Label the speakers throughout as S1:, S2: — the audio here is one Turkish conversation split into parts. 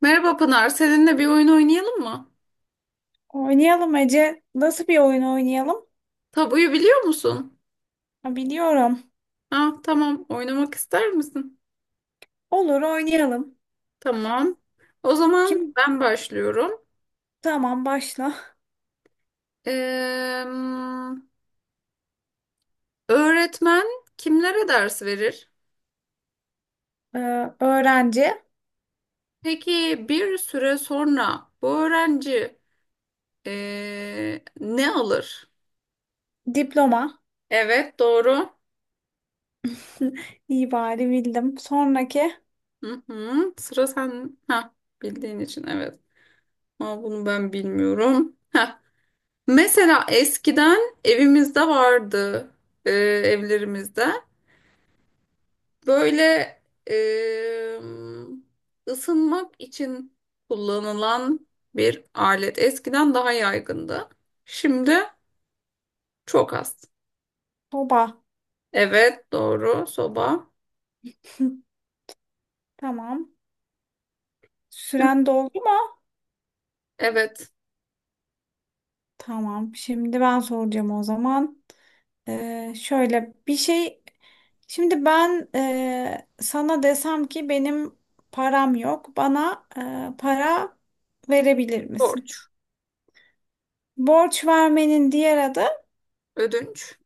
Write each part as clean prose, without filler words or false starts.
S1: Merhaba Pınar, seninle bir oyun oynayalım mı?
S2: Oynayalım Ece. Nasıl bir oyun oynayalım?
S1: Tabuyu biliyor musun?
S2: Ha, biliyorum.
S1: Ha, tamam, oynamak ister misin?
S2: Olur, oynayalım.
S1: Tamam. O zaman
S2: Kim?
S1: ben başlıyorum.
S2: Tamam, başla.
S1: Ee, Öğretmen kimlere ders verir?
S2: Ee, Öğrenci.
S1: Peki bir süre sonra bu öğrenci ne alır?
S2: Diploma.
S1: Evet, doğru.
S2: İyi bari bildim. Sonraki.
S1: Hı hı, sıra sen. Ha, bildiğin için evet. Ama bunu ben bilmiyorum. Mesela eskiden evimizde vardı, evlerimizde. Böyle e, ısınmak için kullanılan bir alet. Eskiden daha yaygındı. Şimdi çok az.
S2: Soba.
S1: Evet, doğru. Soba.
S2: Tamam. Süren doldu mu?
S1: Evet.
S2: Tamam. Şimdi ben soracağım o zaman. Şöyle bir şey. Şimdi ben sana desem ki benim param yok. Bana para verebilir misin?
S1: Borç.
S2: Borç vermenin diğer adı,
S1: Ödünç.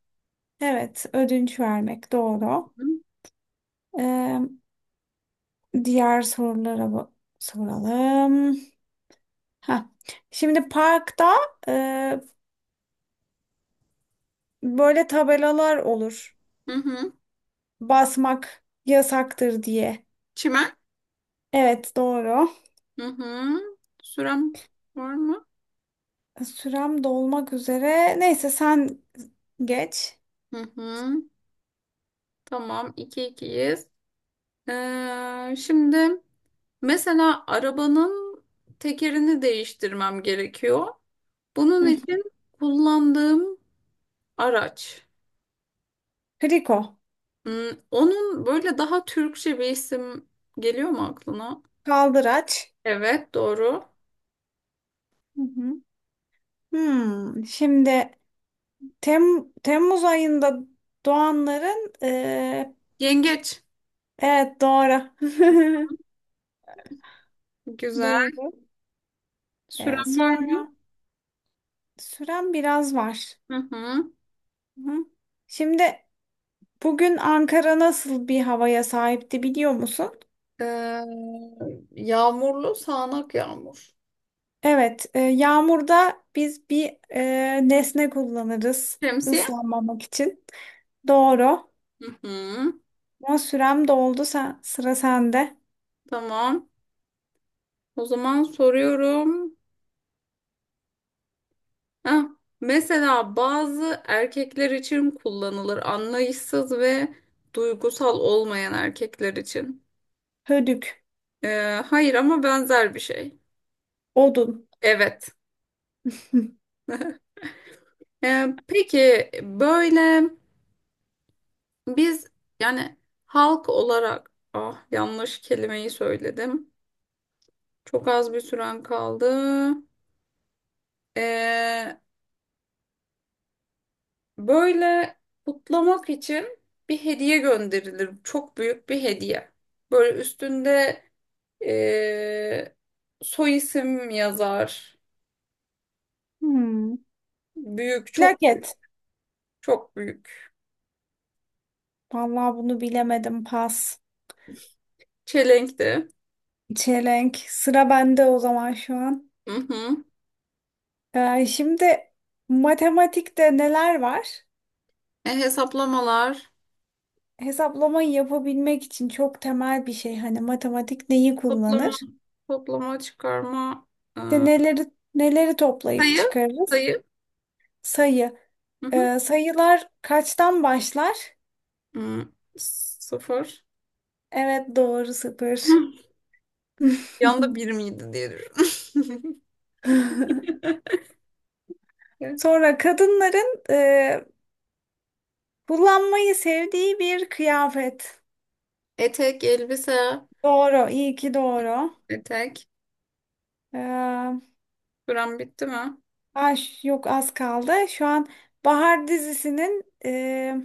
S2: evet, ödünç vermek doğru. Ee, Diğer sorulara soralım. Ha. Şimdi parkta e, böyle tabelalar olur.
S1: Hı hı.
S2: Basmak yasaktır diye.
S1: Çimen.
S2: Evet, doğru.
S1: Hı hı. Sürem var mı?
S2: Sürem dolmak üzere. Neyse sen geç.
S1: Hı hı. Tamam. iki ikiyiz. Şimdi mesela arabanın tekerini değiştirmem gerekiyor. Bunun
S2: Hı.
S1: için kullandığım araç.
S2: Kriko.
S1: Hmm, Onun böyle daha Türkçe bir isim geliyor mu aklına?
S2: Kaldıraç.
S1: Evet, doğru.
S2: Hı hı. Hmm, şimdi Tem Temmuz ayında doğanların
S1: Yengeç.
S2: evet doğru.
S1: Güzel.
S2: Doğru.
S1: Süren var mı?
S2: Sonra süren biraz var.
S1: Hı hı.
S2: Hı. Şimdi bugün Ankara nasıl bir havaya sahipti biliyor musun?
S1: Ee, Yağmurlu sağanak yağmur.
S2: Evet, yağmurda biz bir nesne kullanırız
S1: Şemsiye.
S2: ıslanmamak için. Doğru.
S1: Hı hı.
S2: Ama sürem doldu. Sen, sıra sende.
S1: Tamam. O zaman soruyorum. Heh, Mesela bazı erkekler için kullanılır, anlayışsız ve duygusal olmayan erkekler için.
S2: Hödük,
S1: Hayır ama benzer bir şey.
S2: odun.
S1: Evet. Peki böyle biz, yani halk olarak, ah, yanlış kelimeyi söyledim. Çok az bir süren kaldı. Ee, Böyle kutlamak için bir hediye gönderilir. Çok büyük bir hediye. Böyle üstünde Ee, soy isim yazar.
S2: Hmm.
S1: Büyük, çok
S2: Plaket.
S1: büyük, çok büyük.
S2: Vallahi bunu bilemedim. Pas.
S1: Çelenkti.
S2: Çelenk. Sıra bende o zaman şu an.
S1: Hı hı.
S2: Şimdi matematikte neler var?
S1: Hesaplamalar.
S2: Hesaplamayı yapabilmek için çok temel bir şey. Hani matematik neyi
S1: Toplama,
S2: kullanır?
S1: toplama, çıkarma. e,
S2: İşte neleri toplayıp
S1: Sayı,
S2: çıkarırız?
S1: sayı.
S2: Sayı.
S1: Hı hı.
S2: Sayılar kaçtan başlar?
S1: Hı, sıfır.
S2: Evet, doğru, sıfır.
S1: Hı. Yanda bir miydi diye düşünüyorum.
S2: Sonra kadınların kullanmayı sevdiği bir kıyafet.
S1: Etek, elbise.
S2: Doğru, iyi ki doğru.
S1: Etek.
S2: Ee,
S1: Süren bitti mi?
S2: ay, yok, az kaldı. Şu an Bahar dizisinin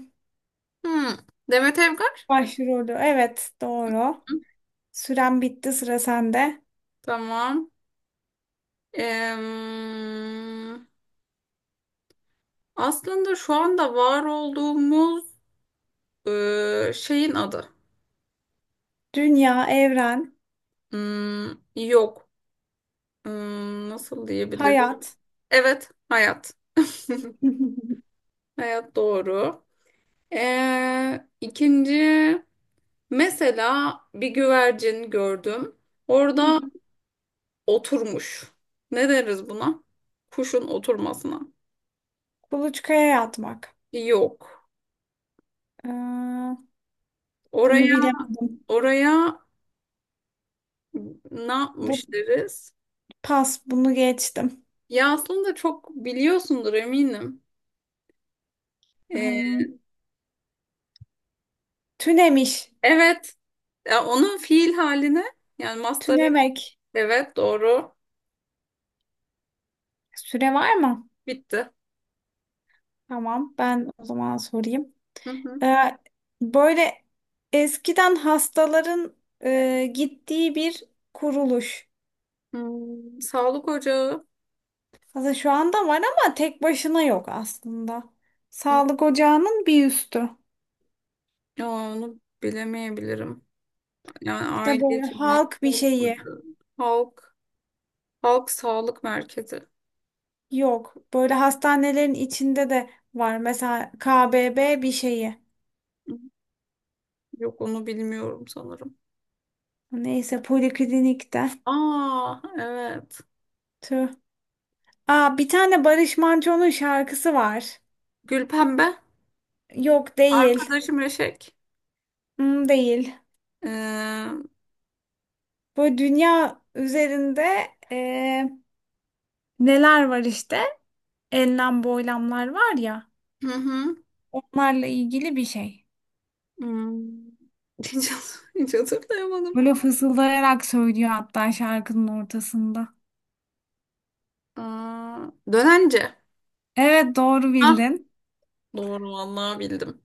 S1: Hı. Demet Evgar.
S2: başrolü. Evet, doğru. Süren bitti, sıra sende.
S1: Tamam. Em, Aslında şu anda var olduğumuz şeyin adı.
S2: Dünya, evren,
S1: Hmm, Yok. Nasıl diyebilirim?
S2: hayat.
S1: Evet, hayat. Hayat doğru. İkinci, mesela bir güvercin gördüm. Orada oturmuş. Ne deriz buna? Kuşun oturmasına.
S2: Kuluçkaya yatmak.
S1: Yok.
S2: Ee, Bunu
S1: Oraya
S2: bilemedim.
S1: oraya ne
S2: Bu
S1: yapmış deriz?
S2: pas, bunu geçtim.
S1: Ya aslında çok biliyorsundur eminim. Ee,
S2: Hmm, tünemiş.
S1: evet. Ya onun fiil haline, yani mastarı.
S2: Tünemek.
S1: Evet, doğru.
S2: Süre var mı?
S1: Bitti.
S2: Tamam, ben o zaman sorayım.
S1: Hı hı.
S2: Ee, Böyle eskiden hastaların gittiği bir kuruluş.
S1: Sağlık ocağı.
S2: Aslında şu anda var ama tek başına yok aslında.
S1: Hı.
S2: Sağlık ocağının bir üstü.
S1: Ya onu bilemeyebilirim. Yani
S2: İşte
S1: aile
S2: böyle
S1: hekimliği.
S2: halk bir
S1: Sağlık
S2: şeyi,
S1: ocağı. Halk. Halk sağlık merkezi.
S2: yok. Böyle hastanelerin içinde de var. Mesela KBB bir şeyi.
S1: Hı. Yok, onu bilmiyorum sanırım.
S2: Neyse poliklinikte.
S1: Aa evet.
S2: Tüh. Aa, bir tane Barış Manço'nun şarkısı var.
S1: Gülpembe.
S2: Yok, değil.
S1: Arkadaşım Eşek.
S2: Hmm, değil.
S1: Hı
S2: Böyle dünya üzerinde neler var işte? Enlem boylamlar var ya.
S1: hı.
S2: Onlarla ilgili bir şey.
S1: Hmm. Hiç, hiç hatırlayamadım.
S2: Böyle fısıldayarak söylüyor hatta şarkının ortasında.
S1: Aa, dönence.
S2: Evet, doğru
S1: Hah,
S2: bildin.
S1: doğru vallahi bildim.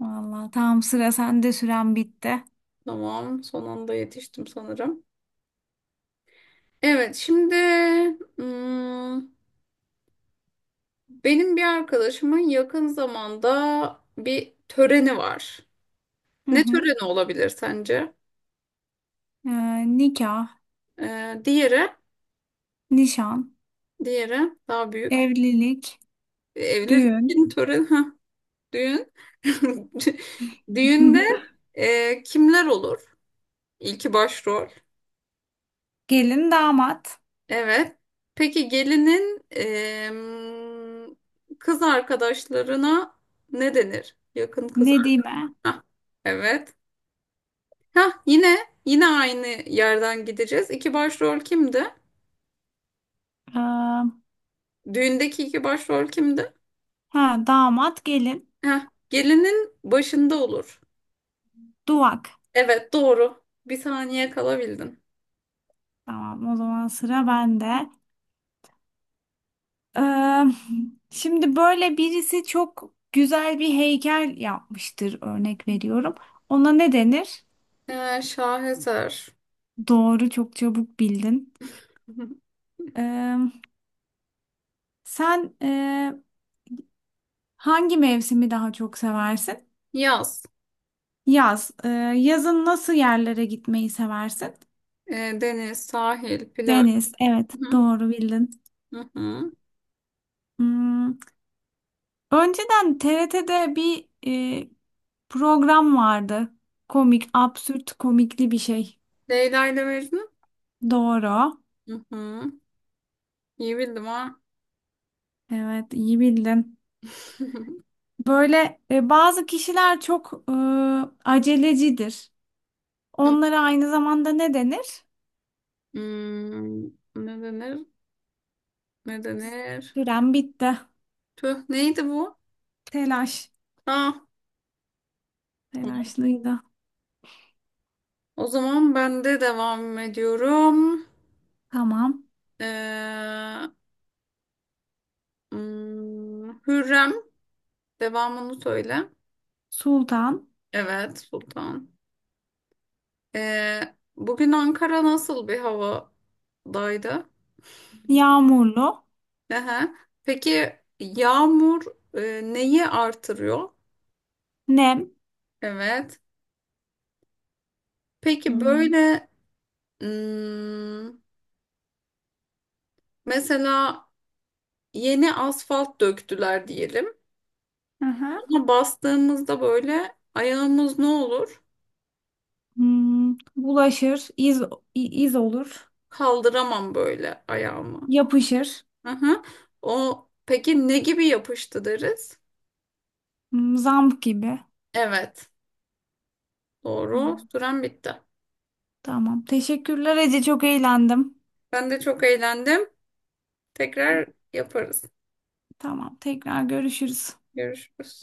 S2: Vallahi tam sıra sende, süren bitti.
S1: Tamam, son anda yetiştim sanırım. Evet, şimdi hmm, benim bir arkadaşımın yakın zamanda bir töreni var.
S2: Hı
S1: Ne
S2: hı.
S1: töreni olabilir sence?
S2: Nikah,
S1: Ee, diğeri,
S2: nişan,
S1: diğeri daha büyük.
S2: evlilik, düğün,
S1: Evlilik töreni, ha, düğün. Düğünde kimler olur? İlki başrol.
S2: gelin, damat,
S1: Evet. Peki gelinin kız arkadaşlarına ne denir? Yakın kız arkadaş.
S2: nedime,
S1: Evet. Hah, yine aynı yerden gideceğiz. İki başrol kimdi?
S2: ee,
S1: Düğündeki iki başrol kimdi?
S2: ha, damat, gelin,
S1: Hah, gelinin başında olur.
S2: duvak.
S1: Evet, doğru. Bir saniye kalabildin.
S2: Tamam, o zaman sıra bende. Eee, şimdi böyle birisi çok güzel bir heykel yapmıştır, örnek veriyorum. Ona ne denir?
S1: Şaheser.
S2: Doğru, çok çabuk bildin. Eee, sen hangi mevsimi daha çok seversin?
S1: Yaz.
S2: Yaz. Yazın nasıl yerlere gitmeyi seversin?
S1: Deniz, sahil, plaj.
S2: Deniz. Evet,
S1: Hı hı.
S2: doğru bildin.
S1: Hı hı.
S2: Hmm, önceden TRT'de bir program vardı. Komik, absürt komikli bir şey.
S1: Leyla ile Mecnun.
S2: Doğru.
S1: Hı hı. İyi bildim ha.
S2: Evet, iyi bildin. Böyle bazı kişiler çok acelecidir. Onlara aynı zamanda ne denir?
S1: Hmm, Ne denir? Ne denir?
S2: Süren bitti.
S1: Tüh, neydi bu?
S2: Telaş.
S1: Ah, tamam.
S2: Telaşlıydı.
S1: O zaman ben de devam ediyorum.
S2: Tamam.
S1: Ee, Hürrem, devamını söyle.
S2: Sultan.
S1: Evet, Sultan. Bugün Ankara nasıl bir havadaydı?
S2: Yağmurlu.
S1: Aha. Peki yağmur neyi artırıyor?
S2: Nem.
S1: Evet. Peki
S2: Hmm.
S1: böyle hmm, mesela yeni asfalt döktüler diyelim.
S2: Aha.
S1: Ona bastığımızda böyle ayağımız ne olur?
S2: Hmm. Bulaşır. İz, iz olur.
S1: Kaldıramam böyle ayağımı.
S2: Yapışır.
S1: Aha. O peki ne gibi yapıştı deriz?
S2: Hmm. Zamp gibi.
S1: Evet. Doğru.
S2: Hmm.
S1: Süren bitti.
S2: Tamam. Teşekkürler Ece. Çok eğlendim.
S1: Ben de çok eğlendim. Tekrar yaparız.
S2: Tamam. Tekrar görüşürüz.
S1: Görüşürüz.